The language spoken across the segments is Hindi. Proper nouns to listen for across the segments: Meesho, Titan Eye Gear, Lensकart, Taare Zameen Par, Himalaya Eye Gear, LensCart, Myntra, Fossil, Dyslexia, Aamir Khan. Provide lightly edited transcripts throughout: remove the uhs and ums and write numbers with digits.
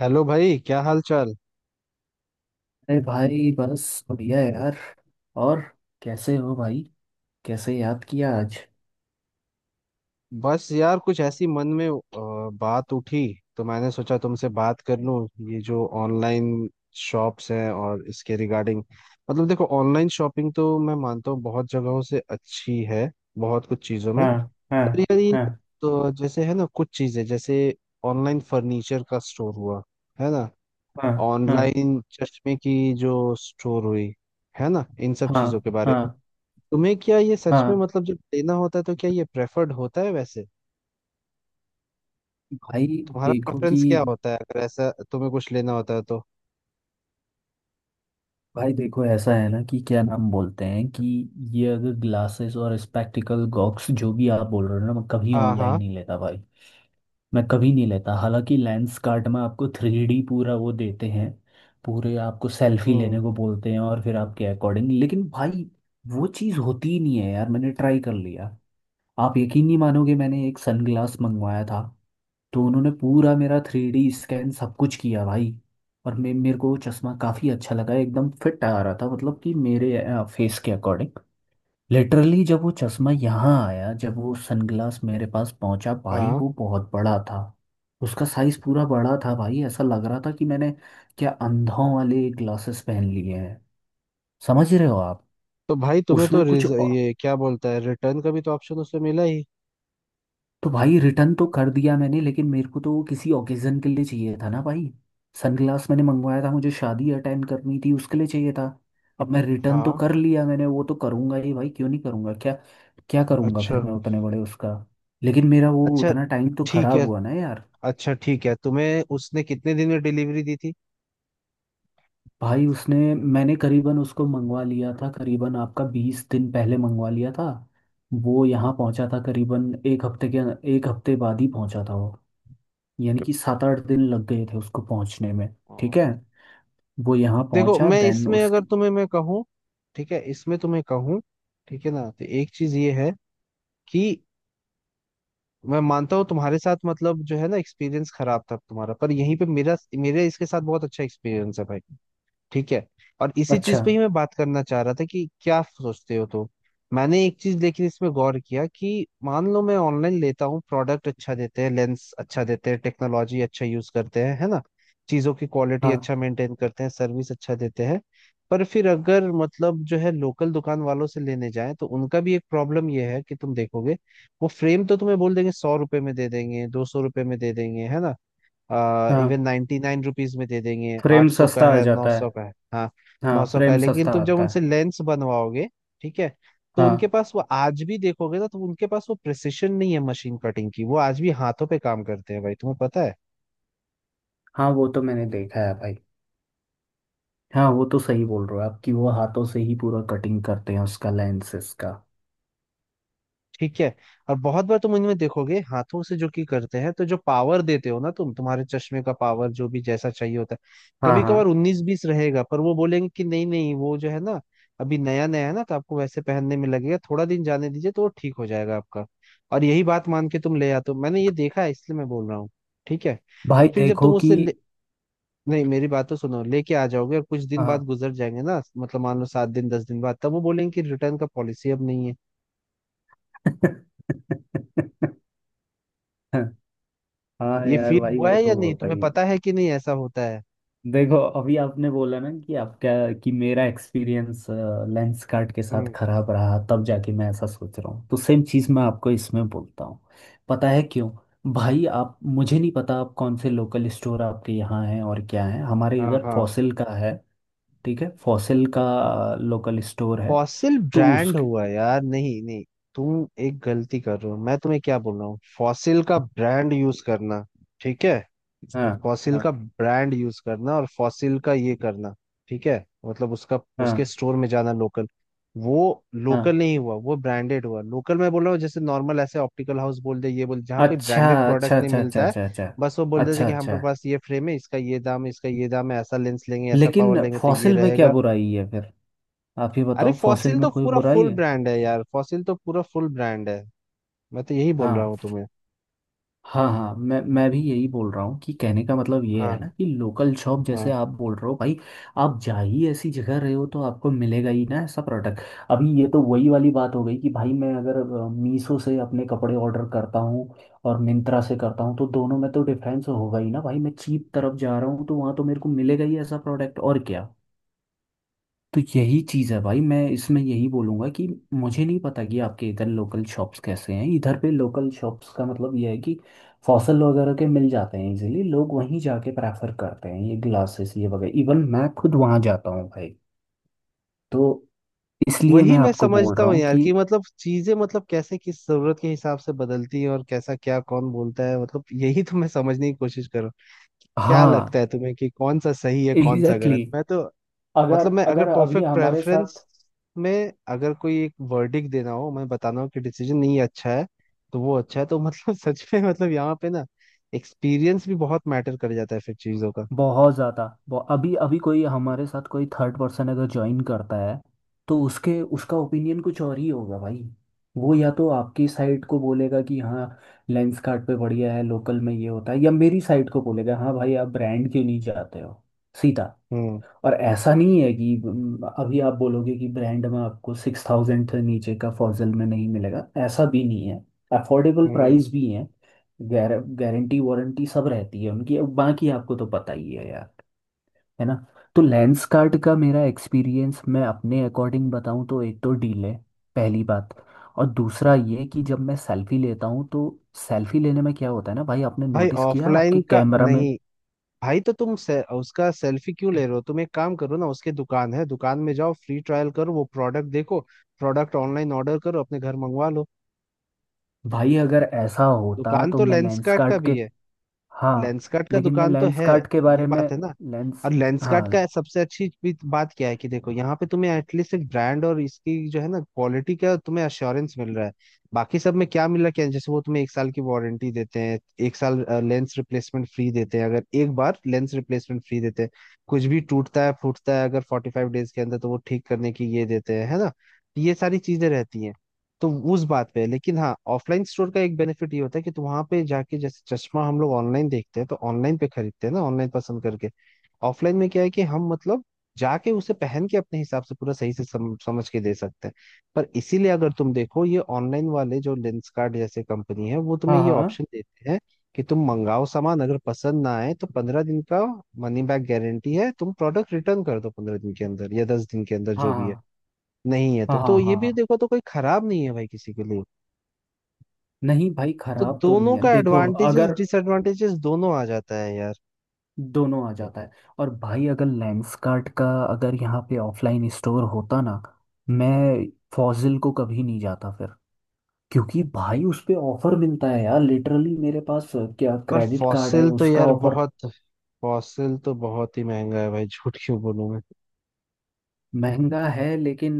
हेलो भाई, क्या हाल चाल। अरे भाई, बस बढ़िया है यार। और कैसे हो भाई? कैसे याद किया आज? बस यार, कुछ ऐसी मन में बात उठी, तो मैंने सोचा तुमसे बात कर लूं। ये जो ऑनलाइन शॉप्स हैं और इसके रिगार्डिंग, मतलब देखो, ऑनलाइन शॉपिंग तो मैं मानता हूँ बहुत जगहों से अच्छी है, बहुत कुछ चीज़ों में। हाँ। हाँ। पर यार ये, हाँ। तो जैसे है ना, कुछ चीज़ें जैसे ऑनलाइन फर्नीचर का स्टोर हुआ, है ना। हाँ। हाँ। ऑनलाइन चश्मे की जो स्टोर हुई, है ना, इन सब हाँ। चीज़ों के बारे हाँ। में तुम्हें क्या ये सच में हाँ। मतलब जब लेना होता है तो क्या ये प्रेफर्ड होता है वैसे? भाई तुम्हारा देखो प्रेफरेंस कि, क्या होता है अगर ऐसा तुम्हें कुछ लेना होता है तो? भाई देखो ऐसा है ना कि क्या नाम बोलते हैं कि ये अगर ग्लासेस और स्पेक्टिकल गॉक्स जो भी आप बोल रहे हो ना, मैं कभी हाँ। ऑनलाइन हाँ। नहीं लेता भाई। मैं कभी नहीं लेता। हालांकि लेंस कार्ट में आपको 3D पूरा वो देते हैं, पूरे आपको सेल्फी हम्म। लेने को बोलते हैं और फिर आपके अकॉर्डिंग, लेकिन भाई वो चीज़ होती ही नहीं है यार। मैंने ट्राई कर लिया। आप यकीन नहीं मानोगे, मैंने एक सनग्लास मंगवाया था, तो उन्होंने पूरा मेरा 3D स्कैन सब कुछ किया भाई, और मे मेरे को वो चश्मा काफ़ी अच्छा लगा, एकदम फिट आ रहा था, मतलब कि मेरे फेस के अकॉर्डिंग। लिटरली जब वो चश्मा यहाँ आया, जब वो सनग्लास मेरे पास पहुंचा भाई, हाँ। वो बहुत बड़ा था। उसका साइज पूरा बड़ा था भाई। ऐसा लग रहा था कि मैंने क्या अंधों वाले ग्लासेस पहन लिए हैं। समझ रहे हो आप? तो भाई तुम्हें उसमें तो कुछ रिज औ- ये क्या बोलता है, रिटर्न का भी तो ऑप्शन उसमें मिला ही। तो भाई रिटर्न तो कर दिया मैंने, लेकिन मेरे को तो वो किसी ओकेजन के लिए चाहिए था ना भाई। सनग्लास मैंने मंगवाया था, मुझे शादी अटेंड करनी थी, उसके लिए चाहिए था। अब मैं रिटर्न तो हाँ। कर लिया मैंने, वो तो करूंगा ही भाई, क्यों नहीं करूंगा, क्या क्या करूंगा फिर अच्छा। मैं उतने बड़े उसका। लेकिन मेरा वो अच्छा उतना टाइम तो ठीक खराब है। हुआ ना यार। अच्छा ठीक है, तुम्हें उसने कितने दिन में डिलीवरी दी थी? भाई उसने, मैंने करीबन उसको मंगवा लिया था करीबन आपका 20 दिन पहले मंगवा लिया था। वो यहाँ पहुंचा था करीबन एक हफ्ते के, एक हफ्ते बाद ही पहुंचा था वो, यानी कि 7-8 दिन लग गए थे उसको पहुंचने में। ठीक है। हाँ। वो यहाँ देखो पहुंचा, मैं देन इसमें अगर उसकी। तुम्हें मैं कहूँ, ठीक है इसमें तुम्हें कहूँ, ठीक है ना, तो एक चीज ये है कि मैं मानता हूँ तुम्हारे साथ, मतलब जो है ना एक्सपीरियंस खराब था तुम्हारा, पर यहीं पे मेरा मेरे इसके साथ बहुत अच्छा एक्सपीरियंस है भाई। ठीक है। और इसी अच्छा। चीज पे ही मैं बात करना चाह रहा था कि क्या सोचते हो तो। मैंने एक चीज लेकिन इसमें गौर किया कि मान लो मैं ऑनलाइन लेता हूँ, प्रोडक्ट अच्छा देते हैं, लेंस अच्छा देते हैं, टेक्नोलॉजी अच्छा यूज करते हैं, है ना। चीजों की क्वालिटी हाँ अच्छा मेंटेन करते हैं, सर्विस अच्छा देते हैं। पर फिर अगर मतलब जो है लोकल दुकान वालों से लेने जाएं, तो उनका भी एक प्रॉब्लम यह है कि तुम देखोगे, वो फ्रेम तो तुम्हें बोल देंगे 100 रुपए में दे देंगे, 200 रुपए में दे देंगे, है ना। इवन हाँ, 99 रुपीज में दे देंगे, फ्रेम 800 का सस्ता आ है, नौ जाता है। सौ का है। हाँ। हाँ, 900 का फ्रेम है, लेकिन सस्ता तुम जब आता उनसे है। लेंस बनवाओगे, ठीक है, तो उनके हाँ पास वो आज भी देखोगे ना, तो उनके पास वो प्रिसिशन नहीं है मशीन कटिंग की। वो आज भी हाथों पे काम करते हैं भाई, तुम्हें पता हाँ, वो तो मैंने है। देखा है भाई। हाँ वो तो सही बोल रहे हो आप कि वो हाथों से ही पूरा कटिंग करते हैं उसका, लेंसेस का। ठीक है। और बहुत बार तुम इनमें देखोगे हाथों से जो की करते हैं, तो जो पावर देते हो ना, तुम्हारे चश्मे का पावर जो भी जैसा चाहिए होता है, हाँ कभी हाँ। कभार उन्नीस बीस रहेगा, पर वो बोलेंगे कि नहीं नहीं, वो जो है ना अभी नया नया है ना, तो आपको वैसे पहनने में लगेगा थोड़ा, दिन जाने दीजिए तो वो ठीक हो जाएगा आपका। और यही बात मान के तुम ले आते हो। मैंने ये देखा है, इसलिए मैं बोल रहा हूँ। ठीक है। और भाई फिर जब तुम देखो कि, नहीं, मेरी बात तो सुनो, लेके आ जाओगे और कुछ दिन बाद हाँ। गुजर जाएंगे ना, मतलब मान लो 7 दिन 10 दिन बाद, तब वो बोलेंगे कि रिटर्न का पॉलिसी अब नहीं है। हाँ ये यार फील भाई, हुआ वो है या तो नहीं, होता तुम्हें ही है। पता है कि नहीं ऐसा होता है? देखो अभी आपने बोला ना कि आपका, कि मेरा एक्सपीरियंस लेंस कार्ड के साथ हम्म। खराब रहा, तब जाके मैं ऐसा सोच रहा हूँ, तो सेम चीज़ मैं आपको इसमें बोलता हूँ। पता है क्यों? भाई, आप, मुझे नहीं पता आप कौन से लोकल स्टोर आपके यहाँ हैं और क्या है, हमारे हाँ। इधर हाँ। फॉसिल का है। ठीक है, फॉसिल का लोकल स्टोर है। फॉसिल तो उस, ब्रांड हुआ है यार, नहीं नहीं। तुम एक गलती कर रहे हो, मैं तुम्हें क्या बोल रहा हूँ, फॉसिल का ब्रांड यूज करना। ठीक है। हाँ। फॉसिल हाँ। का ब्रांड यूज करना और फॉसिल का ये करना, ठीक है, मतलब उसका हाँ। उसके स्टोर में जाना, लोकल। वो हाँ। लोकल नहीं हुआ, वो ब्रांडेड हुआ। लोकल मैं बोल रहा हूँ जैसे नॉर्मल, ऐसे ऑप्टिकल हाउस बोल दे ये बोल, जहाँ कोई अच्छा, ब्रांडेड अच्छा, प्रोडक्ट नहीं अच्छा, अच्छा, मिलता है। अच्छा, अच्छा, बस वो बोल देते अच्छा, कि हम अच्छा। पे पास ये फ्रेम है, इसका ये दाम है, इसका ये दाम है, ऐसा लेंस लेंगे, ऐसा पावर लेकिन लेंगे तो ये फॉसिल में क्या रहेगा। बुराई है फिर? आप ही अरे बताओ, फॉसिल फॉसिल में तो कोई पूरा बुराई फुल है? ब्रांड है यार, फॉसिल तो पूरा फुल ब्रांड है। मैं तो यही बोल रहा हाँ। हूँ तुम्हें। हाँ हाँ, मैं भी यही बोल रहा हूँ कि कहने का मतलब ये है ना हाँ। कि लोकल शॉप जैसे हाँ। आप बोल रहे हो भाई, आप जा ही ऐसी जगह रहे हो तो आपको मिलेगा ही ना ऐसा प्रोडक्ट। अभी ये तो वही वाली बात हो गई कि भाई मैं अगर मीशो से अपने कपड़े ऑर्डर करता हूँ और मिंत्रा से करता हूँ, तो दोनों में तो डिफरेंस होगा ही ना भाई। मैं चीप तरफ जा रहा हूँ तो वहाँ तो मेरे को मिलेगा ही ऐसा प्रोडक्ट, और क्या। तो यही चीज़ है भाई, मैं इसमें यही बोलूँगा कि मुझे नहीं पता कि आपके इधर लोकल शॉप्स कैसे हैं। इधर पे लोकल शॉप्स का मतलब यह है कि फॉसल वगैरह के मिल जाते हैं इजीली, लोग वहीं जाके प्रेफर करते हैं ये ग्लासेस ये वगैरह, इवन मैं खुद वहाँ जाता हूँ भाई। तो इसलिए वही मैं मैं आपको बोल समझता रहा हूँ हूँ यार, कि, कि मतलब चीजें, मतलब कैसे किस जरूरत के हिसाब से बदलती हैं और कैसा क्या कौन बोलता है, मतलब यही तो मैं समझने की कोशिश कर रहा हूँ। क्या लगता हाँ। है तुम्हें कि कौन सा सही है कौन सा एग्जैक्टली गलत? exactly। मैं तो अगर मतलब मैं अगर अगर अभी परफेक्ट हमारे प्रेफरेंस साथ, में अगर कोई एक वर्डिक देना हो, मैं बताना हो कि डिसीजन नहीं अच्छा है, तो वो अच्छा है, तो मतलब सच में, मतलब यहाँ पे ना एक्सपीरियंस भी बहुत मैटर कर जाता है फिर चीजों का। बहुत ज़्यादा, अभी अभी कोई हमारे साथ कोई थर्ड पर्सन अगर ज्वाइन करता है, तो उसके, उसका ओपिनियन कुछ और ही होगा भाई। वो या तो आपकी साइड को बोलेगा कि हाँ लेंस कार्ट पे बढ़िया है, लोकल में ये होता है, या मेरी साइड को बोलेगा हाँ भाई आप ब्रांड क्यों नहीं जाते हो सीधा। हम्म। और ऐसा नहीं है कि अभी आप बोलोगे कि ब्रांड में आपको 6,000 से नीचे का फॉजल में नहीं मिलेगा, ऐसा भी नहीं है। अफोर्डेबल हम्म। प्राइस भी है, गारंटी वारंटी सब रहती है उनकी। अब बाकी आपको तो पता ही है यार, है ना। तो लेंस कार्ट का मेरा एक्सपीरियंस मैं अपने अकॉर्डिंग बताऊं तो, एक तो डील है, पहली बात। और दूसरा ये कि जब मैं सेल्फी लेता हूँ तो सेल्फी लेने में क्या होता है ना भाई, आपने भाई नोटिस किया ऑफलाइन आपके का कैमरा में? नहीं। भाई उसका सेल्फी क्यों ले रहे हो? तुम एक काम करो ना, उसके दुकान है, दुकान में जाओ, फ्री ट्रायल करो, वो प्रोडक्ट देखो, प्रोडक्ट ऑनलाइन ऑर्डर करो, अपने घर मंगवा लो। भाई अगर ऐसा होता दुकान तो तो मैं लेंस लेंसकार्ट का कार्ट के, भी है। हाँ, लेंसकार्ट का लेकिन मैं दुकान तो लेंस है। कार्ट के ये बारे में, बात है ना। लेंस, और लेंसकार्ट हाँ। का सबसे अच्छी भी बात क्या है, कि देखो यहाँ पे तुम्हें एटलीस्ट एक ब्रांड और इसकी जो है ना क्वालिटी का तुम्हें अश्योरेंस मिल रहा है। बाकी सब में क्या मिल रहा है क्या? जैसे वो तुम्हें एक साल की वारंटी देते हैं, एक साल। लेंस रिप्लेसमेंट फ्री देते हैं, अगर एक बार लेंस रिप्लेसमेंट फ्री देते हैं। कुछ भी टूटता है फूटता है अगर 45 डेज के अंदर, तो वो ठीक करने की ये देते हैं, है ना। ये सारी चीजें रहती हैं तो उस बात पे है। लेकिन हाँ, ऑफलाइन स्टोर का एक बेनिफिट ये होता है कि तुम वहां पे जाके, जैसे चश्मा हम लोग ऑनलाइन देखते हैं तो ऑनलाइन पे खरीदते हैं ना, ऑनलाइन पसंद करके। ऑफलाइन में क्या है कि हम मतलब जाके उसे पहन के अपने हिसाब से पूरा सही से समझ के दे सकते हैं। पर इसीलिए अगर तुम देखो, ये ऑनलाइन वाले जो लेंसकार्ट जैसे कंपनी है, वो तुम्हें हाँ। ये हाँ। ऑप्शन देते हैं कि तुम मंगाओ सामान, अगर पसंद ना आए तो 15 दिन का मनी बैक गारंटी है, तुम प्रोडक्ट रिटर्न कर दो 15 दिन के अंदर या 10 दिन के अंदर, जो हाँ। भी है। हाँ। नहीं है तो हाँ। तो हाँ। ये हाँ। भी हाँ। देखो, तो कोई खराब नहीं है भाई किसी के लिए। नहीं भाई, तो खराब तो दोनों नहीं है, का देखो। एडवांटेजेस अगर, डिसएडवांटेजेस दोनों आ जाता है यार। दोनों आ जाता है। और भाई अगर लेंस कार्ट का, अगर यहाँ पे ऑफलाइन स्टोर होता ना, मैं फॉजिल को कभी नहीं जाता फिर, क्योंकि भाई उस पे ऑफर मिलता है यार। लिटरली मेरे पास क्या पर क्रेडिट कार्ड है फॉसिल तो उसका यार ऑफर। बहुत, फॉसिल तो बहुत ही महंगा है भाई, झूठ क्यों बोलूं मैं। महंगा है लेकिन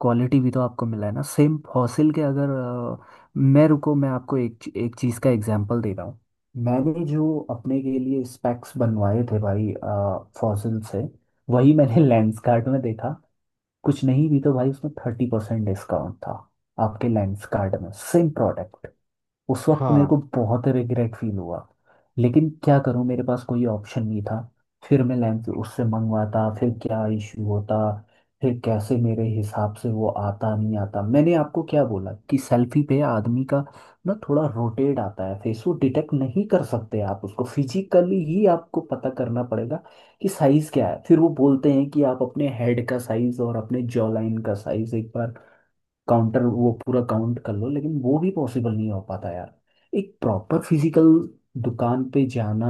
क्वालिटी भी तो आपको मिला है ना सेम फॉसिल के, अगर अ, मैं, रुको, मैं आपको एक एक चीज़ का एग्जांपल दे रहा हूँ। मैंने जो अपने के लिए स्पेक्स बनवाए थे भाई फॉसिल से, वही मैंने लेंसकार्ट में देखा, कुछ नहीं भी तो भाई उसमें 30% डिस्काउंट था, आपके लेंसकार्ट में सेम प्रोडक्ट। उस वक्त मेरे हाँ। को बहुत रिग्रेट फील हुआ, लेकिन क्या करूं, मेरे पास कोई ऑप्शन नहीं था। फिर मैं लैंप उससे मंगवाता, फिर क्या इश्यू होता, फिर कैसे मेरे हिसाब से वो आता नहीं आता। मैंने आपको क्या बोला कि सेल्फी पे आदमी का ना थोड़ा रोटेट आता है फेस, वो डिटेक्ट नहीं कर सकते। आप उसको फिजिकली ही आपको पता करना पड़ेगा कि साइज क्या है। फिर वो बोलते हैं कि आप अपने हेड का साइज और अपने जॉ लाइन का साइज एक बार काउंटर, वो पूरा काउंट कर लो, लेकिन वो भी पॉसिबल नहीं हो पाता यार। एक प्रॉपर फिजिकल दुकान पे जाना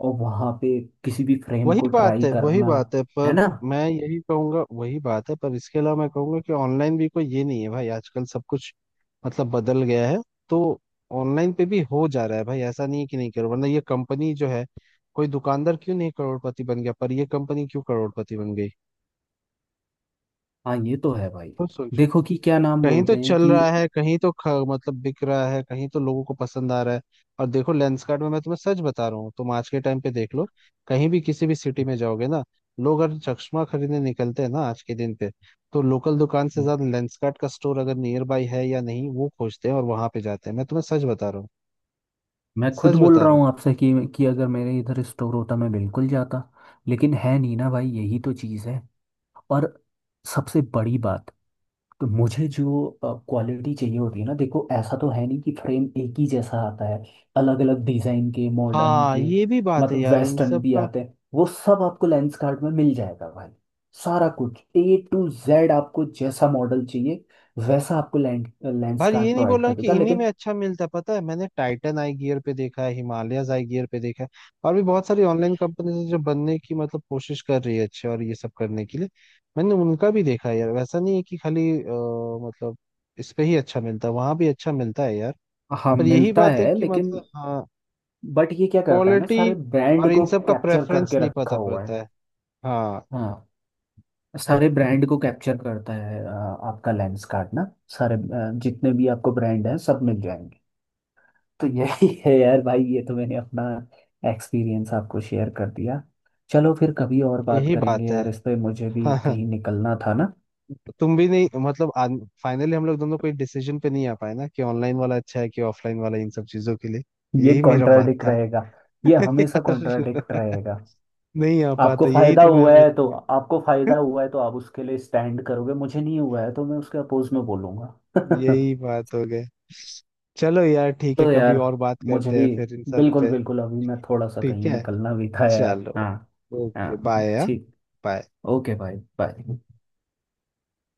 और वहां पे किसी भी फ्रेम वही को बात ट्राई है, वही करना, बात है है पर ना। मैं यही कहूंगा, वही बात है पर इसके अलावा मैं कहूंगा कि ऑनलाइन भी कोई ये नहीं है भाई, आजकल सब कुछ मतलब बदल गया है। तो ऑनलाइन पे भी हो जा रहा है भाई, ऐसा नहीं है कि नहीं करो, वरना ये कंपनी जो है, कोई दुकानदार क्यों नहीं करोड़पति बन गया पर ये कंपनी क्यों करोड़पति बन गई, हाँ ये तो है भाई। खुद सोचो। देखो कि क्या नाम कहीं तो बोलते हैं चल कि, रहा है, कहीं तो मतलब बिक रहा है, कहीं तो लोगों को पसंद आ रहा है। और देखो लेंसकार्ट में मैं तुम्हें सच बता रहा हूँ, तुम आज के टाइम पे देख लो, कहीं भी किसी भी सिटी में जाओगे ना, लोग अगर चश्मा खरीदने निकलते हैं ना आज के दिन पे, तो लोकल दुकान से ज्यादा लेंसकार्ट का स्टोर अगर नियर बाई है या नहीं वो खोजते हैं और वहां पे जाते हैं, मैं तुम्हें सच बता रहा हूँ। मैं खुद सच बोल बता रहा रहा हूँ। हूँ आपसे कि अगर मेरे इधर स्टोर होता मैं बिल्कुल जाता, लेकिन है नहीं ना भाई, यही तो चीज़ है। और सबसे बड़ी बात, तो मुझे जो क्वालिटी चाहिए होती है ना, देखो ऐसा तो है नहीं कि फ्रेम एक ही जैसा आता है, अलग अलग डिजाइन के, मॉडर्न हाँ, के, ये भी बात है मतलब यार इन वेस्टर्न सब भी का। आते हैं, वो सब आपको लेंस कार्ड में मिल जाएगा भाई। सारा कुछ A to Z, आपको जैसा मॉडल चाहिए वैसा आपको लेंस भाई ये कार्ड नहीं बोल प्रोवाइड रहा कर हूँ कि देगा, इन्हीं में लेकिन, अच्छा मिलता है, पता है मैंने टाइटन आई गियर पे देखा है, हिमालयज आई गियर पे देखा है, और भी बहुत सारी ऑनलाइन कंपनीज है जो बनने की मतलब कोशिश कर रही है अच्छे और ये सब करने के लिए। मैंने उनका भी देखा है यार, वैसा नहीं है कि खाली मतलब इस पे ही अच्छा मिलता है, वहां भी अच्छा मिलता है यार। हाँ पर यही मिलता बात है है कि लेकिन, मतलब, हाँ, बट ये क्या करता है ना, क्वालिटी सारे और ब्रांड इन को सब का कैप्चर प्रेफरेंस करके नहीं रखा पता हुआ पड़ता है। है। हाँ। हाँ, सारे ब्रांड को कैप्चर करता है। आपका लेंस कार्ड ना, सारे जितने भी आपको ब्रांड हैं सब मिल जाएंगे। तो यही है यार भाई। ये तो मैंने अपना एक्सपीरियंस आपको शेयर कर दिया। चलो फिर कभी और बात यही करेंगे बात है। यार इस पे, मुझे भी कहीं निकलना था ना। तुम भी नहीं मतलब, फाइनली हम लोग दोनों कोई डिसीजन पे नहीं आ पाए ना कि ऑनलाइन वाला अच्छा है कि ऑफलाइन वाला, इन सब चीजों के लिए। ये यही मेरा बात कॉन्ट्राडिक्ट था। रहेगा, ये हमेशा यार कॉन्ट्राडिक्ट रहेगा। नहीं आ आपको पाता, यही फायदा तो मैं हुआ है हमेशा तो आपको फायदा हुआ है तो आप उसके लिए स्टैंड करोगे, मुझे नहीं हुआ है तो मैं उसके अपोज में बोलूंगा। यही बात हो गई। चलो यार ठीक है, चलो कभी यार, और बात मुझे करते भी हैं फिर इन सब बिल्कुल पे। बिल्कुल, अभी मैं थोड़ा सा ठीक कहीं है। निकलना भी था यार। चलो। हाँ। ओके हाँ, बाय। ठीक। बाय। ओके भाई, बाय।